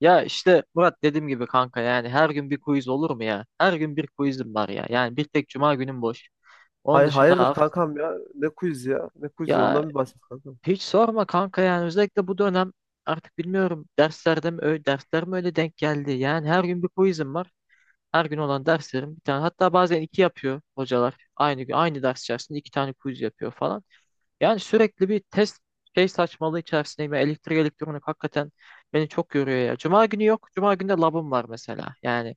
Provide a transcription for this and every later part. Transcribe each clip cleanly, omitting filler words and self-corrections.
Ya işte Murat, dediğim gibi kanka, yani her gün bir quiz olur mu ya? Her gün bir quizim var ya. Yani bir tek cuma günüm boş. Onun Hay dışında hayırdır hafta, kankam ya? Ne quiz ya? Ne quiz ya? ya Ondan bir bahset kankam. hiç sorma kanka, yani özellikle bu dönem artık bilmiyorum, derslerde mi öyle, dersler mi öyle denk geldi. Yani her gün bir quizim var. Her gün olan derslerim bir tane, hatta bazen iki yapıyor hocalar. Aynı gün aynı ders içerisinde iki tane quiz yapıyor falan. Yani sürekli bir test şey saçmalığı içerisindeyim. Elektrik elektronik hakikaten beni çok yoruyor ya. Cuma günü yok. Cuma günü de labım var mesela. Yani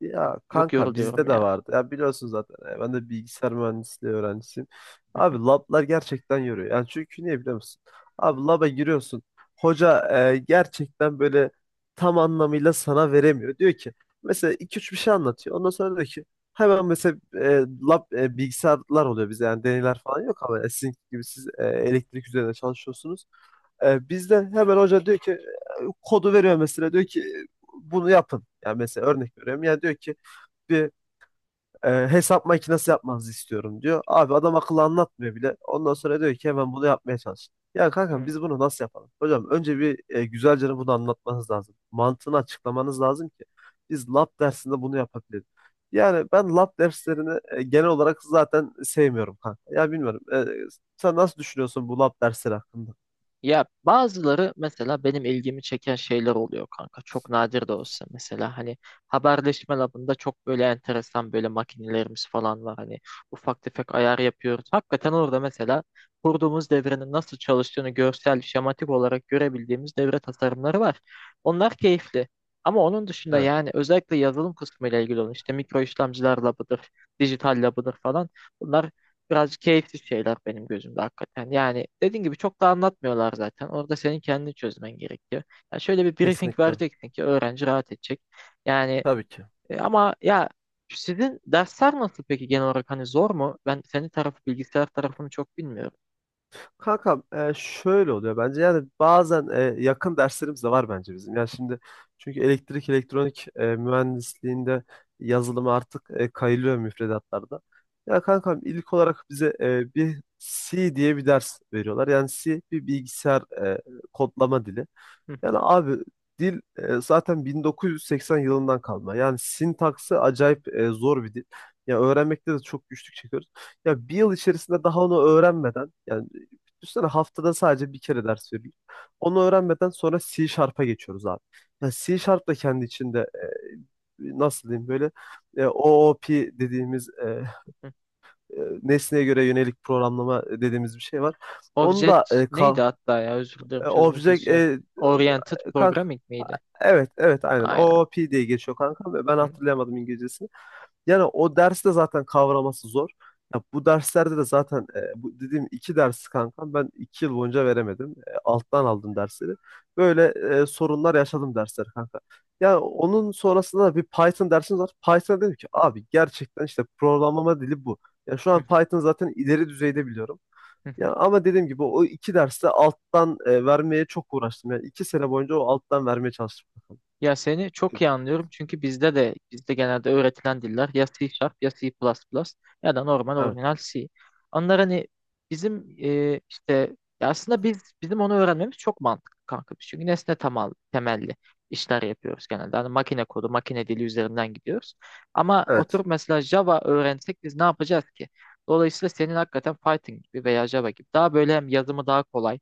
Ya çok kanka yoruluyorum bizde de ya. vardı. Ya biliyorsun zaten. Ben de bilgisayar mühendisliği öğrencisiyim. Hı. Abi Hı, lablar gerçekten yoruyor. Yani çünkü niye biliyor musun? Abi laba giriyorsun. Hoca gerçekten böyle tam anlamıyla sana veremiyor. Diyor ki mesela iki üç bir şey anlatıyor. Ondan sonra diyor ki hemen mesela lab bilgisayarlar oluyor bize. Yani deneyler falan yok ama sizin gibi siz elektrik üzerine çalışıyorsunuz. Bizden hemen hoca diyor ki kodu veriyor mesela diyor ki bunu yapın. Yani mesela örnek veriyorum. Yani diyor ki bir hesap makinesi yapmanızı istiyorum diyor. Abi adam akıllı anlatmıyor bile. Ondan sonra diyor ki hemen bunu yapmaya çalışın. Ya kankam hı. biz bunu nasıl yapalım? Hocam önce bir güzelce bunu anlatmanız lazım. Mantığını açıklamanız lazım ki biz lab dersinde bunu yapabiliriz. Yani ben lab derslerini genel olarak zaten sevmiyorum kanka. Ya bilmiyorum. Sen nasıl düşünüyorsun bu lab dersleri hakkında? Ya bazıları mesela benim ilgimi çeken şeyler oluyor kanka. Çok nadir de olsa mesela hani haberleşme labında çok böyle enteresan böyle makinelerimiz falan var. Hani ufak tefek ayar yapıyoruz. Hakikaten orada mesela kurduğumuz devrenin nasıl çalıştığını görsel, şematik olarak görebildiğimiz devre tasarımları var. Onlar keyifli. Ama onun dışında Evet, yani özellikle yazılım kısmı ile ilgili olan işte mikro işlemciler labıdır, dijital labıdır falan. Bunlar birazcık keyifsiz şeyler benim gözümde hakikaten. Yani dediğin gibi çok da anlatmıyorlar zaten. Orada senin kendini çözmen gerekiyor. Ya şöyle bir briefing kesinlikle. vereceksin ki öğrenci rahat edecek. Yani Tabii ki. Ama ya sizin dersler nasıl peki, genel olarak hani zor mu? Ben senin tarafı, bilgisayar tarafını çok bilmiyorum. Kankam şöyle oluyor bence yani bazen yakın derslerimiz de var bence bizim. Yani şimdi çünkü elektrik elektronik mühendisliğinde yazılım artık kayılıyor müfredatlarda. Ya kankam ilk olarak bize bir C diye bir ders veriyorlar. Yani C bir bilgisayar kodlama dili. Yani abi dil zaten 1980 yılından kalma. Yani sintaksı acayip zor bir dil. Ya öğrenmekte de çok güçlük çekiyoruz. Ya bir yıl içerisinde daha onu öğrenmeden yani düşünsene haftada sadece bir kere ders veriyor. Onu öğrenmeden sonra C Sharp'a geçiyoruz abi. Yani C Sharp da kendi içinde nasıl diyeyim böyle OOP dediğimiz nesneye göre yönelik programlama dediğimiz bir şey var. Onu da Object neydi hatta, ya özür dilerim sözünü Object kesiyor. Oriented kanka, Programming miydi? evet evet aynen Aynen. o P diye geçiyor kanka ve ben hatırlayamadım İngilizcesini. Yani o derste zaten kavraması zor. Ya bu derslerde de zaten bu dediğim iki dersi kanka ben iki yıl boyunca veremedim. E, alttan aldım dersleri. Böyle sorunlar yaşadım dersleri kanka. Yani onun sonrasında da bir Python dersimiz var. Python dedim ki abi gerçekten işte programlama dili bu. Ya şu an Python zaten ileri düzeyde biliyorum. Ya ama dediğim gibi o iki derste alttan vermeye çok uğraştım. Yani iki sene boyunca o alttan vermeye çalıştım. Ya seni çok iyi anlıyorum, çünkü bizde genelde öğretilen diller ya C Sharp, ya C++, ya da normal Evet. orijinal C. Onlar hani bizim işte, ya aslında biz bizim onu öğrenmemiz çok mantıklı kanka. Biz, çünkü nesne temelli işler yapıyoruz genelde. Hani makine kodu, makine dili üzerinden gidiyoruz. Ama Evet. oturup mesela Java öğrensek biz ne yapacağız ki? Dolayısıyla senin hakikaten Python gibi veya Java gibi daha böyle, hem yazımı daha kolay.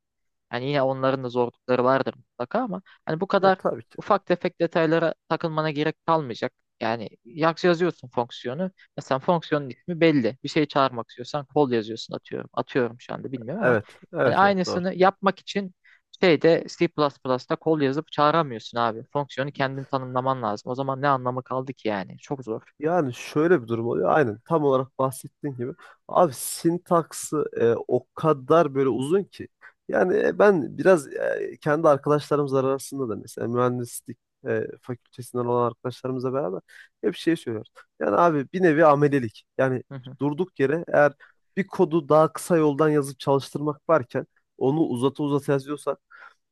Yani yine onların da zorlukları vardır mutlaka ama hani bu Ya kadar tabii ki. ufak tefek detaylara takılmana gerek kalmayacak. Yani yazıyorsun fonksiyonu. Mesela fonksiyonun ismi belli. Bir şey çağırmak istiyorsan kol yazıyorsun, atıyorum. Atıyorum, şu anda bilmiyorum ama Evet. hani Evet. Evet. Doğru. aynısını yapmak için şeyde, C++'da kol yazıp çağıramıyorsun abi. Fonksiyonu kendin tanımlaman lazım. O zaman ne anlamı kaldı ki yani? Çok zor. Yani şöyle bir durum oluyor. Aynen tam olarak bahsettiğin gibi. Abi sintaksı o kadar böyle uzun ki. Yani ben biraz kendi arkadaşlarımız arasında da mesela mühendislik fakültesinden olan arkadaşlarımızla beraber hep şey söylüyoruz. Yani abi bir nevi amelelik. Yani Hı hı, durduk yere eğer bir kodu daha kısa yoldan yazıp çalıştırmak varken onu uzata uzata yazıyorsan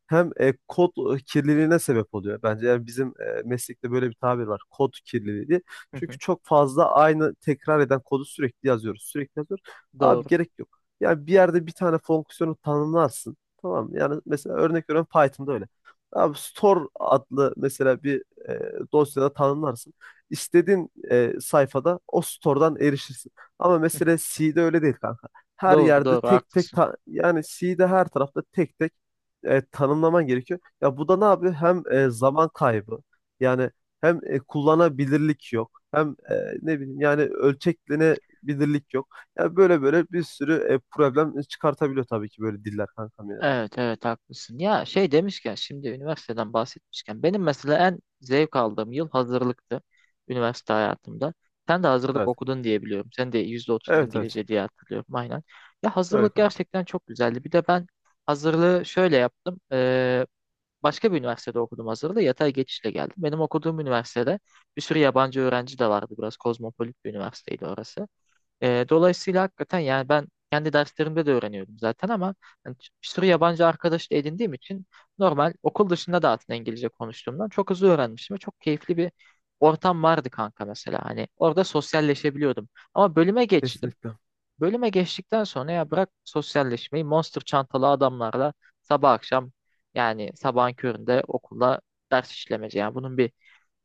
hem kod kirliliğine sebep oluyor. Bence yani bizim meslekte böyle bir tabir var. Kod kirliliği diye. hı Çünkü hı. çok fazla aynı tekrar eden kodu sürekli yazıyoruz. Sürekli yazıyoruz. Abi Doğru. gerek yok. Yani bir yerde bir tane fonksiyonu tanımlarsın. Tamam mı? Yani mesela örnek veriyorum Python'da öyle. Abi store adlı mesela bir dosyada tanımlarsın. İstediğin sayfada o store'dan erişirsin. Ama mesela C'de öyle değil kanka. Her Doğru yerde doğru tek tek haklısın. ta- yani C'de her tarafta tek tek tanımlaman gerekiyor. Ya bu da ne yapıyor? Hem zaman kaybı yani hem kullanabilirlik yok. Hem ne bileyim yani ölçeklenebilirlik yok. Ya böyle böyle bir sürü problem çıkartabiliyor tabii ki böyle diller kankam yani. Evet evet haklısın. Ya şey demişken, şimdi üniversiteden bahsetmişken benim mesela en zevk aldığım yıl hazırlıktı, üniversite hayatımda. Sen de hazırlık Evet. okudun diye biliyorum. Sen de %30 Evet evet. İngilizce diye hatırlıyorum, aynen. Ya Öyle hazırlık kanka. gerçekten çok güzeldi. Bir de ben hazırlığı şöyle yaptım. Başka bir üniversitede okudum hazırlığı. Yatay geçişle geldim. Benim okuduğum üniversitede bir sürü yabancı öğrenci de vardı. Biraz kozmopolit bir üniversiteydi orası. Dolayısıyla hakikaten, yani ben kendi derslerimde de öğreniyordum zaten ama yani bir sürü yabancı arkadaş da edindiğim için normal okul dışında da aslında İngilizce konuştuğumdan çok hızlı öğrenmiştim ve çok keyifli bir ortam vardı kanka mesela. Hani orada sosyalleşebiliyordum. Ama bölüme geçtim. Kesinlikle. Bölüme geçtikten sonra ya, bırak sosyalleşmeyi, monster çantalı adamlarla sabah akşam, yani sabahın köründe okula ders işlemece. Yani bunun bir,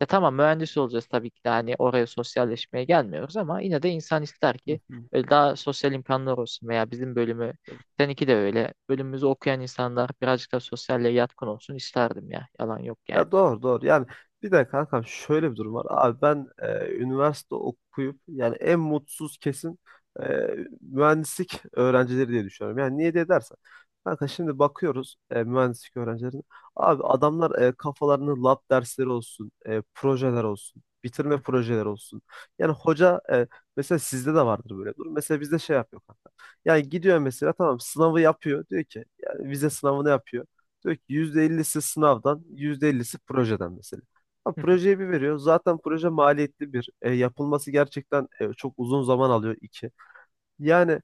ya tamam mühendis olacağız tabii ki de, hani oraya sosyalleşmeye gelmiyoruz ama yine de insan ister Hı ki hı. böyle daha sosyal imkanlar olsun, veya bizim bölümü, seninki de öyle, bölümümüzü okuyan insanlar birazcık daha sosyalle yatkın olsun isterdim ya, yalan yok yani. Ya doğru doğru. Yani bir de kankam şöyle bir durum var. Abi ben üniversite okuyup yani en mutsuz kesin e, mühendislik öğrencileri diye düşünüyorum. Yani niye diye dersen. Kanka şimdi bakıyoruz mühendislik öğrencilerine. Abi adamlar kafalarını lab dersleri olsun, projeler olsun, bitirme projeleri olsun. Yani hoca mesela sizde de vardır böyle bir durum. Mesela bizde şey yapıyor kanka. Yani gidiyor mesela tamam sınavı yapıyor. Diyor ki yani vize sınavını yapıyor. Diyor ki %50'si sınavdan, %50'si projeden mesela. Ha, projeyi bir veriyor. Zaten proje maliyetli bir. E, yapılması gerçekten çok uzun zaman alıyor. İki. Yani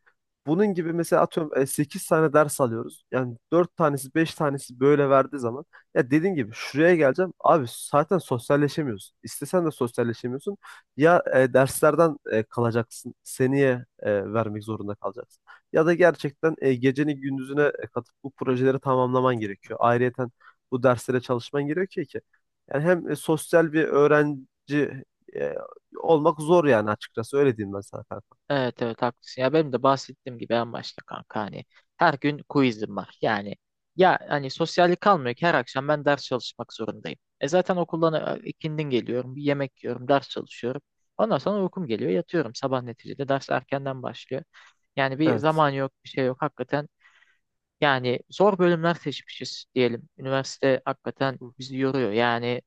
bunun gibi mesela atıyorum 8 tane ders alıyoruz. Yani 4 tanesi 5 tanesi böyle verdiği zaman ya dediğin gibi şuraya geleceğim. Abi zaten sosyalleşemiyorsun. İstesen de sosyalleşemiyorsun. Ya derslerden kalacaksın. Seneye vermek zorunda kalacaksın. Ya da gerçekten geceni gündüzüne katıp bu projeleri tamamlaman gerekiyor. Ayrıyeten bu derslere çalışman gerekiyor ki. Yani hem sosyal bir öğrenci e, olmak zor yani açıkçası öyle diyeyim ben sana kanka. Evet evet haklısın. Ya benim de bahsettiğim gibi en başta kanka, hani her gün quizim var. Yani ya hani sosyallik kalmıyor ki, her akşam ben ders çalışmak zorundayım. E zaten okuldan ikindin geliyorum, bir yemek yiyorum, ders çalışıyorum. Ondan sonra uykum geliyor, yatıyorum. Sabah neticede ders erkenden başlıyor. Yani bir Evet. zaman yok, bir şey yok. Hakikaten, yani zor bölümler seçmişiz diyelim. Üniversite hakikaten bizi yoruyor. Yani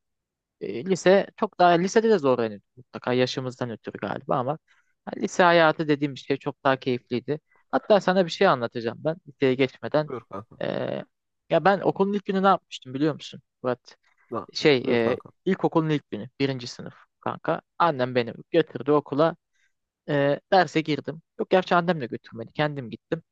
lise çok daha, lisede de zorlanıyorduk mutlaka yaşımızdan ötürü galiba ama ha, lise hayatı dediğim şey çok daha keyifliydi. Hatta sana bir şey anlatacağım, ben liseye geçmeden. Buyur kanka. E, Ya ben okulun ilk günü ne yapmıştım biliyor musun Murat? Ha, Şey buyur kanka. ilkokulun ilk günü, birinci sınıf kanka. Annem beni götürdü okula. Derse girdim. Yok, gerçi annem de götürmedi, kendim gittim.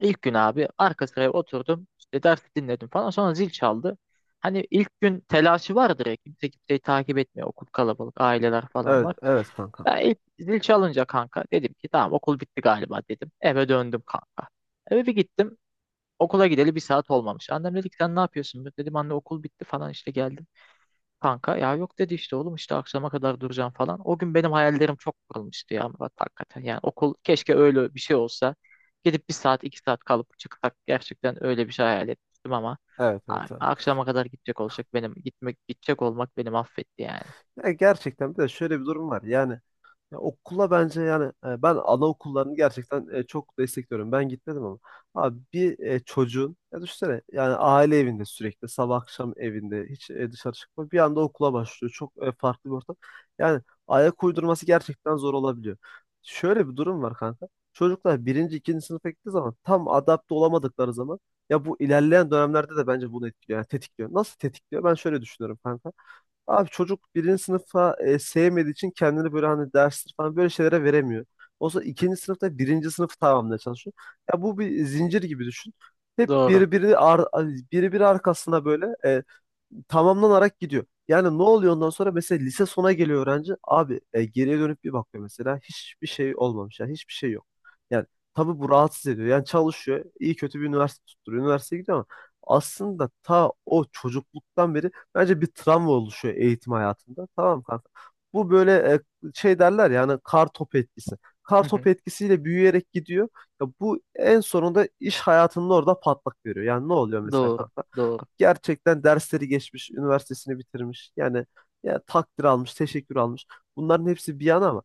İlk gün abi arka sıraya oturdum. İşte dersi dinledim falan. Sonra zil çaldı. Hani ilk gün telaşı vardır ya, kimse kimseyi takip etmiyor. Okul kalabalık, aileler falan Evet, var. evet kanka. Ben ilk zil çalınca kanka dedim ki tamam okul bitti galiba dedim. Eve döndüm kanka. Eve bir gittim. Okula gideli 1 saat olmamış. Annem dedi ki sen ne yapıyorsun? Dedim anne okul bitti falan işte, geldim. Kanka ya yok dedi, işte oğlum işte akşama kadar duracağım falan. O gün benim hayallerim çok kurulmuştu ya Murat, hakikaten. Yani okul keşke öyle bir şey olsa. Gidip 1 saat 2 saat kalıp çıksak, gerçekten öyle bir şey hayal etmiştim ama Evet, evet, evet. akşama kadar gidecek olacak, benim gitmek, gidecek olmak beni mahvetti yani. Ya gerçekten bir de şöyle bir durum var. Yani ya okula bence yani ben anaokullarını gerçekten çok destekliyorum. Ben gitmedim ama. Abi bir çocuğun ya düşünsene yani aile evinde sürekli sabah akşam evinde hiç dışarı çıkmıyor. Bir anda okula başlıyor. Çok farklı bir ortam. Yani ayak uydurması gerçekten zor olabiliyor. Şöyle bir durum var kanka. Çocuklar birinci, ikinci sınıfa gittiği zaman tam adapte olamadıkları zaman ya bu ilerleyen dönemlerde de bence bunu etkiliyor. Yani tetikliyor. Nasıl tetikliyor? Ben şöyle düşünüyorum kanka. Abi çocuk birinci sınıfa sevmediği için kendini böyle hani dersler falan böyle şeylere veremiyor. Olsa ikinci sınıfta birinci sınıfı tamamlamaya çalışıyor. Ya bu bir zincir gibi düşün. Hep Doğru. Birbiri arkasına böyle tamamlanarak gidiyor. Yani ne oluyor ondan sonra mesela lise sona geliyor öğrenci. Abi geriye dönüp bir bakıyor mesela hiçbir şey olmamış. Yani hiçbir şey yok. Yani tabii bu rahatsız ediyor. Yani çalışıyor. İyi kötü bir üniversite tutturuyor. Üniversiteye gidiyor ama aslında ta o çocukluktan beri bence bir travma oluşuyor eğitim hayatında. Tamam mı kanka? Bu böyle şey derler yani, kar topu etkisi. Hı Kar hı. topu etkisiyle büyüyerek gidiyor. Ya bu en sonunda iş hayatının orada patlak veriyor. Yani ne oluyor mesela Doğru. kanka? Doğru. Gerçekten dersleri geçmiş, üniversitesini bitirmiş. Yani ya takdir almış, teşekkür almış. Bunların hepsi bir yana ama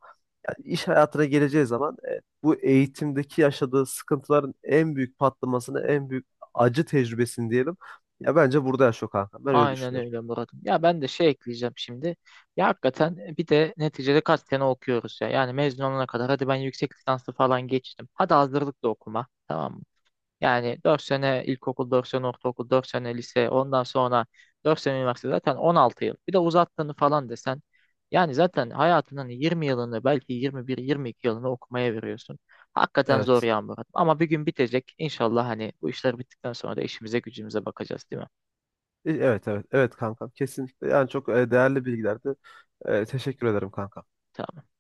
yani iş hayatına geleceği zaman bu eğitimdeki yaşadığı sıkıntıların en büyük patlamasını, en büyük acı tecrübesini diyelim. Ya bence burada yaşıyor kanka. Ben öyle Aynen düşünüyorum. öyle Murat'ım. Ya ben de şey ekleyeceğim şimdi. Ya hakikaten bir de neticede kaç sene okuyoruz ya. Yani mezun olana kadar, hadi ben yüksek lisanslı falan geçtim. Hadi hazırlık da okuma. Tamam mı? Yani 4 sene ilkokul, 4 sene ortaokul, 4 sene lise, ondan sonra 4 sene üniversite, zaten 16 yıl. Bir de uzattığını falan desen, yani zaten hayatının 20 yılını, belki 21 22 yılını okumaya veriyorsun. Hakikaten zor Evet. ya Murat. Ama bir gün bitecek. İnşallah hani bu işler bittikten sonra da işimize gücümüze bakacağız, değil mi? Evet evet evet kankam kesinlikle yani çok değerli bilgilerdi. Teşekkür ederim kankam. Tamam.